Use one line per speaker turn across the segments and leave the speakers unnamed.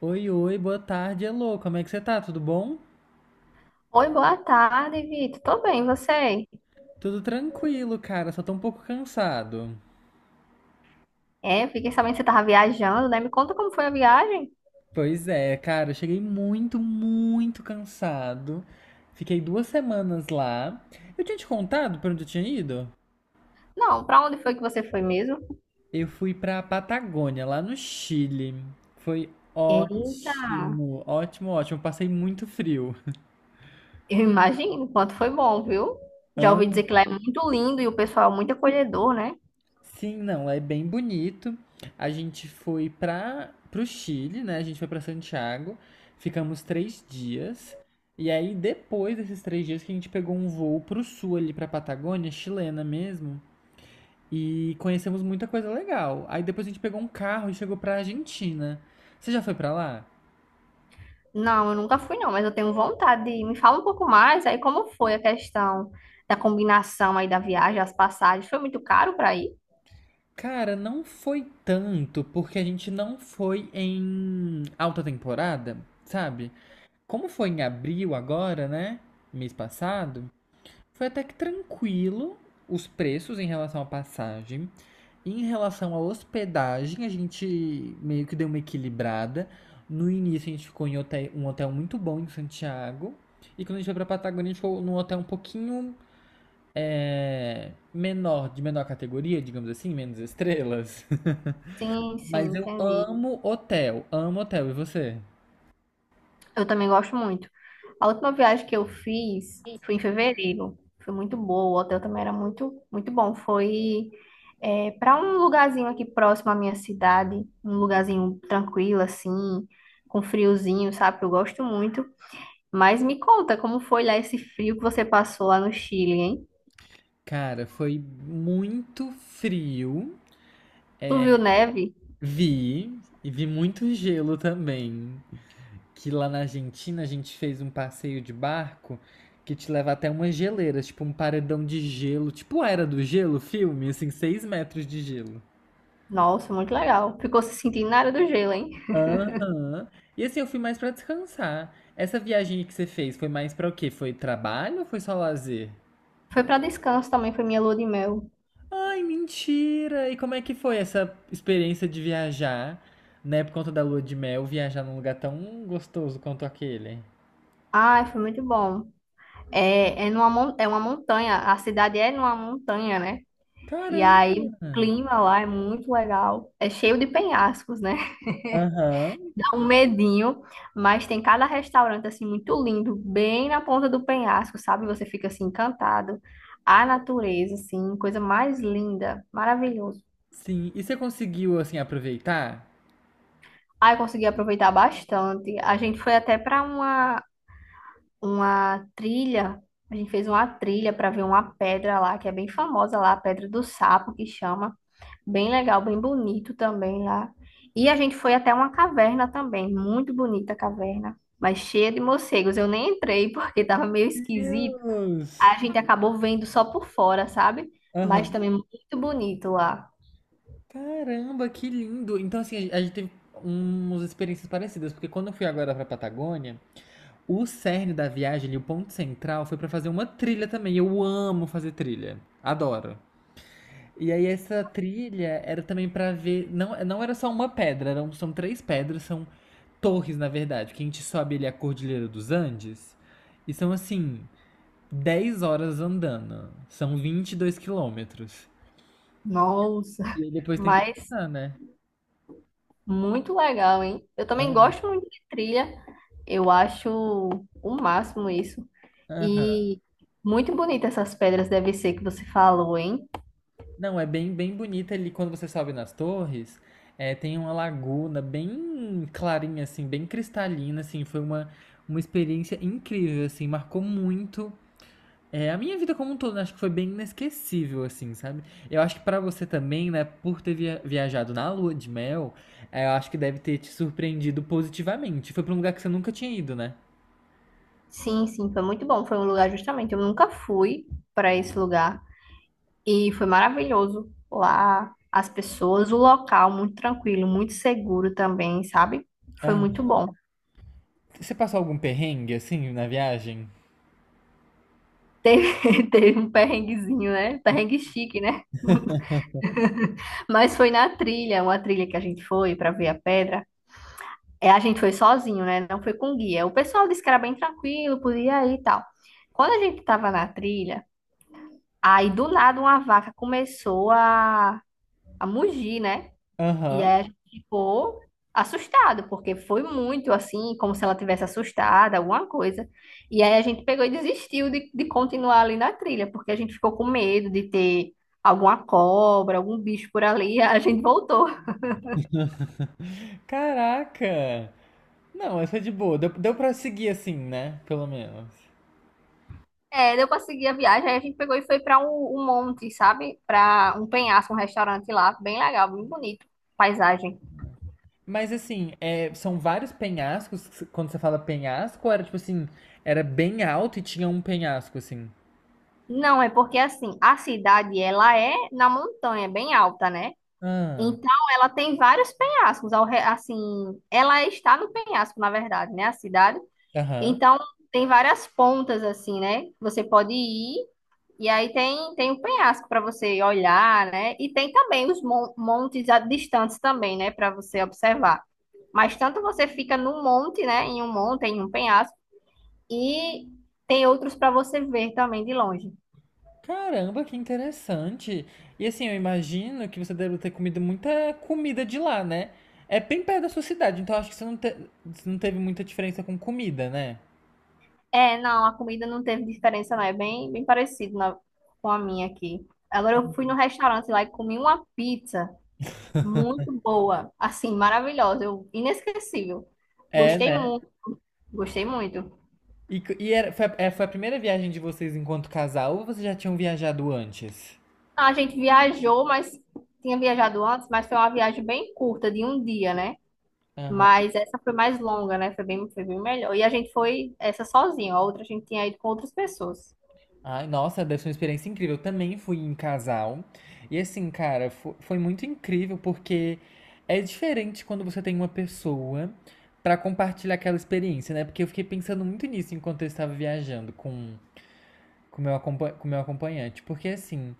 Oi, oi, boa tarde, alô, como é que você tá? Tudo bom?
Oi, boa tarde, Vitor. Tô bem, e você?
Tudo tranquilo, cara, só tô um pouco cansado.
É, fiquei sabendo que você tava viajando, né? Me conta como foi a viagem.
Pois é, cara, eu cheguei muito, muito cansado. Fiquei 2 semanas lá. Eu tinha te contado pra onde eu tinha ido?
Não, pra onde foi que você foi mesmo?
Eu fui pra Patagônia, lá no Chile. Foi
Eita,
ótimo, ótimo, ótimo. Passei muito frio.
eu imagino o quanto foi bom, viu? Já ouvi dizer que lá é muito lindo e o pessoal é muito acolhedor, né?
Sim, não, é bem bonito. A gente foi para o Chile, né? A gente foi para Santiago, ficamos 3 dias. E aí, depois desses 3 dias, que a gente pegou um voo pro sul ali, pra Patagônia, chilena mesmo. E conhecemos muita coisa legal. Aí depois a gente pegou um carro e chegou pra Argentina. Você já foi pra lá?
Não, eu nunca fui não, mas eu tenho vontade de ir. Me fala um pouco mais aí como foi a questão da combinação aí da viagem, as passagens. Foi muito caro pra ir?
Cara, não foi tanto, porque a gente não foi em alta temporada, sabe? Como foi em abril agora, né? Mês passado. Foi até que tranquilo os preços em relação à passagem. Em relação à hospedagem, a gente meio que deu uma equilibrada. No início, a gente ficou em um hotel muito bom em Santiago. E quando a gente foi pra Patagônia, a gente ficou num hotel um pouquinho menor, de menor categoria, digamos assim, menos estrelas.
Sim, sim,
Mas eu
entendi.
amo hotel, amo hotel. E você?
Eu também gosto muito. A última viagem que eu fiz foi em fevereiro. Foi muito boa. O hotel também era muito, muito bom. Foi para um lugarzinho aqui próximo à minha cidade, um lugarzinho tranquilo, assim, com friozinho, sabe? Eu gosto muito. Mas me conta como foi lá esse frio que você passou lá no Chile, hein?
Cara, foi muito frio.
Tu viu neve?
Vi, e vi muito gelo também. Que lá na Argentina a gente fez um passeio de barco que te leva até umas geleiras, tipo um paredão de gelo, tipo a Era do Gelo, filme, assim, 6 metros de gelo.
Nossa, muito legal. Ficou se sentindo na área do gelo, hein?
Aham. E assim, eu fui mais pra descansar. Essa viagem que você fez foi mais pra o quê? Foi trabalho ou foi só lazer?
Foi para descanso também, foi minha lua de mel.
Ai, mentira! E como é que foi essa experiência de viajar, né, por conta da lua de mel, viajar num lugar tão gostoso quanto aquele?
Ai, foi muito bom. É uma montanha, a cidade é numa montanha, né? E aí
Caramba!
o clima lá é muito legal, é cheio de penhascos, né?
Aham.
Dá um medinho, mas tem cada restaurante assim muito lindo, bem na ponta do penhasco, sabe? Você fica assim encantado. A natureza, assim, coisa mais linda, maravilhoso.
Sim, e você conseguiu, assim, aproveitar?
Aí eu consegui aproveitar bastante. A gente foi até para uma trilha, a gente fez uma trilha para ver uma pedra lá, que é bem famosa lá, a Pedra do Sapo, que chama. Bem legal, bem bonito também lá. E a gente foi até uma caverna também, muito bonita a caverna, mas cheia de morcegos. Eu nem entrei porque estava meio esquisito.
Deus!
A gente acabou vendo só por fora, sabe? Mas
Aham.
também muito bonito lá.
Caramba, que lindo! Então, assim, a gente teve umas experiências parecidas, porque quando eu fui agora pra Patagônia, o cerne da viagem ali, o ponto central, foi pra fazer uma trilha também. Eu amo fazer trilha, adoro. E aí, essa trilha era também pra ver. Não, não era só uma pedra, eram, são três pedras, são torres, na verdade, que a gente sobe ali a Cordilheira dos Andes. E são assim, 10 horas andando. São 22 quilômetros.
Nossa,
E aí depois tem que
mas
voltar, né?
muito legal, hein? Eu também
Ah.
gosto muito de trilha. Eu acho o máximo isso.
Aham.
E muito bonita essas pedras deve ser que você falou, hein?
Não, é bem, bem bonita ali. Quando você sobe nas torres, tem uma laguna bem clarinha, assim, bem cristalina, assim. Foi uma experiência incrível, assim. Marcou muito. É, a minha vida como um todo, né? Acho que foi bem inesquecível, assim, sabe? Eu acho que pra você também, né, por ter viajado na lua de mel, eu acho que deve ter te surpreendido positivamente. Foi pra um lugar que você nunca tinha ido, né?
Sim, sim, foi muito bom. Foi um lugar justamente. Eu nunca fui para esse lugar e foi maravilhoso lá. As pessoas, o local muito tranquilo, muito seguro também, sabe? Foi muito bom.
Você passou algum perrengue assim na viagem?
Teve, teve um perrenguezinho, né? Perrengue chique, né? Mas foi na trilha, uma trilha que a gente foi para ver a pedra. É, a gente foi sozinho, né? Não foi com guia. O pessoal disse que era bem tranquilo, podia ir e tal. Quando a gente tava na trilha, aí do nada uma vaca começou a mugir, né? E
Aham.
aí a gente ficou assustado, porque foi muito assim, como se ela tivesse assustada, alguma coisa. E aí a gente pegou e desistiu de continuar ali na trilha, porque a gente ficou com medo de ter alguma cobra, algum bicho por ali. A gente voltou.
Caraca! Não, essa é de boa. Deu pra seguir assim, né? Pelo menos.
É, deu pra seguir a viagem, aí a gente pegou e foi pra um monte, sabe? Pra um penhasco, um restaurante lá, bem legal, bem bonito, paisagem.
Mas assim, são vários penhascos. Quando você fala penhasco, era tipo assim, era bem alto e tinha um penhasco, assim.
Não, é porque assim, a cidade ela é na montanha, bem alta, né?
Ah,
Então, ela tem vários penhascos, assim, ela está no penhasco, na verdade, né, a cidade.
aham.
Então, tem várias pontas, assim, né, que você pode ir, e aí tem, tem o penhasco para você olhar, né, e tem também os montes distantes também, né, para você observar. Mas tanto você fica num monte, né, em um monte, em um penhasco, e tem outros para você ver também de longe.
Caramba, que interessante. E assim, eu imagino que você deve ter comido muita comida de lá, né? É bem perto da sua cidade, então acho que você não teve muita diferença com comida, né?
É, não, a comida não teve diferença, não. É bem, bem parecido com a minha aqui. Agora eu fui no restaurante lá e comi uma pizza muito boa, assim, maravilhosa, inesquecível.
É,
Gostei
né?
muito, gostei muito.
E, c- e era, foi, a, é, foi a primeira viagem de vocês enquanto casal ou vocês já tinham viajado antes?
A gente viajou, mas tinha viajado antes, mas foi uma viagem bem curta, de um dia, né?
Aham.
Mas essa foi mais longa, né? Foi bem melhor. E a gente foi essa sozinho, a outra a gente tinha ido com outras pessoas.
Ai, nossa, deve ser uma experiência incrível. Eu também fui em casal. E assim, cara, foi, muito incrível porque é diferente quando você tem uma pessoa pra compartilhar aquela experiência, né? Porque eu fiquei pensando muito nisso enquanto eu estava viajando com meu acompanhante. Porque assim,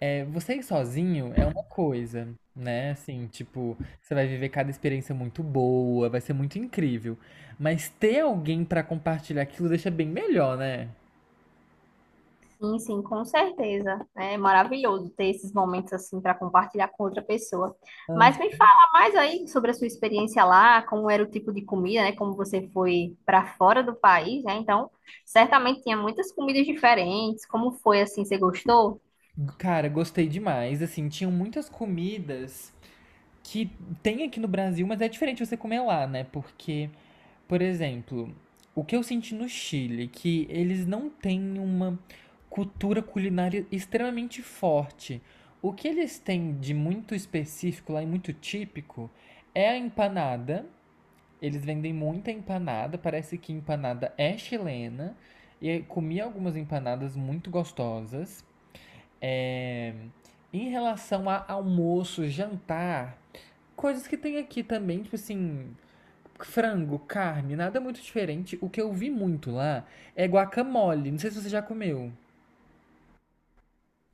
Você ir sozinho é uma coisa, né? Assim, tipo, você vai viver cada experiência muito boa, vai ser muito incrível. Mas ter alguém pra compartilhar aquilo deixa bem melhor, né?
Sim, sim, com certeza. É maravilhoso ter esses momentos assim para compartilhar com outra pessoa. Mas me
Ah.
fala mais aí sobre a sua experiência lá, como era o tipo de comida, né? Como você foi para fora do país, né? Então, certamente tinha muitas comidas diferentes. Como foi assim? Você gostou?
Cara, gostei demais. Assim, tinham muitas comidas que tem aqui no Brasil, mas é diferente você comer lá, né? Porque, por exemplo, o que eu senti no Chile, que eles não têm uma cultura culinária extremamente forte. O que eles têm de muito específico lá e muito típico é a empanada. Eles vendem muita empanada, parece que empanada é chilena. E eu comi algumas empanadas muito gostosas. É, Em relação a almoço, jantar, coisas que tem aqui também, tipo assim, frango, carne, nada muito diferente. O que eu vi muito lá é guacamole. Não sei se você já comeu.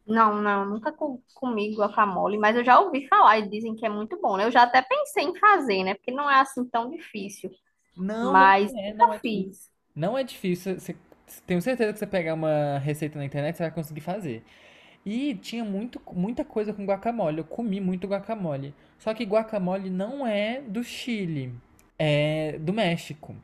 Não, não, nunca comi guacamole, mas eu já ouvi falar e dizem que é muito bom, né? Eu já até pensei em fazer, né? Porque não é assim tão difícil,
Não, não
mas
é, não é
nunca
difícil.
fiz.
Não é difícil. Tenho certeza que você pegar uma receita na internet, você vai conseguir fazer. E tinha muito, muita coisa com guacamole. Eu comi muito guacamole. Só que guacamole não é do Chile, é do México.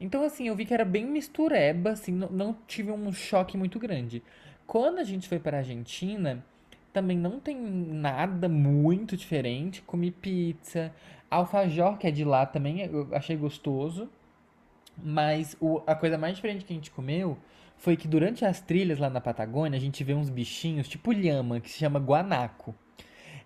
Então, assim, eu vi que era bem mistureba, assim, não, não tive um choque muito grande. Quando a gente foi para a Argentina, também não tem nada muito diferente. Comi pizza, alfajor, que é de lá também, eu achei gostoso. Mas a coisa mais diferente que a gente comeu foi que durante as trilhas lá na Patagônia, a gente vê uns bichinhos tipo lhama, que se chama guanaco.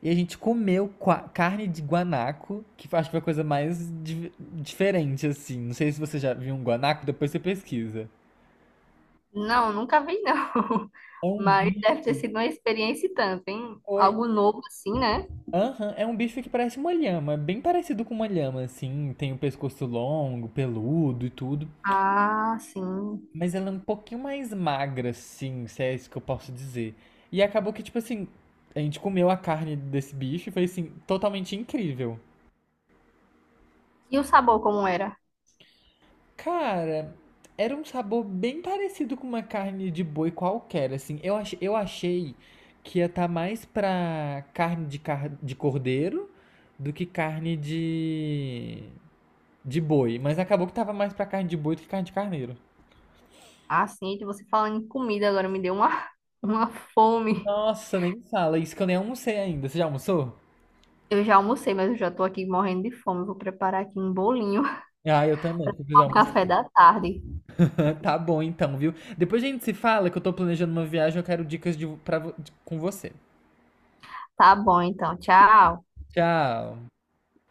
E a gente comeu carne de guanaco, que eu acho que foi a coisa mais diferente, assim. Não sei se você já viu um guanaco, depois você pesquisa.
Não, nunca vi não.
É um
Mas deve ter
bicho.
sido uma experiência e tanto, hein?
Oi.
Algo novo assim, né?
Aham, é um bicho que parece uma lhama, bem parecido com uma lhama, assim. Tem o pescoço longo, peludo e tudo.
Ah, sim.
Mas ela é um pouquinho mais magra, assim, se é isso que eu posso dizer. E acabou que, tipo assim, a gente comeu a carne desse bicho e foi, assim, totalmente incrível.
E o sabor como era?
Cara, era um sabor bem parecido com uma carne de boi qualquer, assim. Eu achei que ia estar mais pra carne de cordeiro do que carne de boi. Mas acabou que tava mais pra carne de boi do que carne de carneiro.
Ah, sim, de você falando em comida agora me deu uma, uma fome.
Nossa, nem fala. Isso que eu nem almocei ainda. Você já almoçou?
Eu já almocei, mas eu já tô aqui morrendo de fome. Vou preparar aqui um bolinho
Ah, eu também, porque eu preciso
ao
almoçar.
café da tarde.
Tá bom então, viu? Depois a gente se fala que eu tô planejando uma viagem, eu quero dicas com você.
Tá bom, então. Tchau.
Tchau.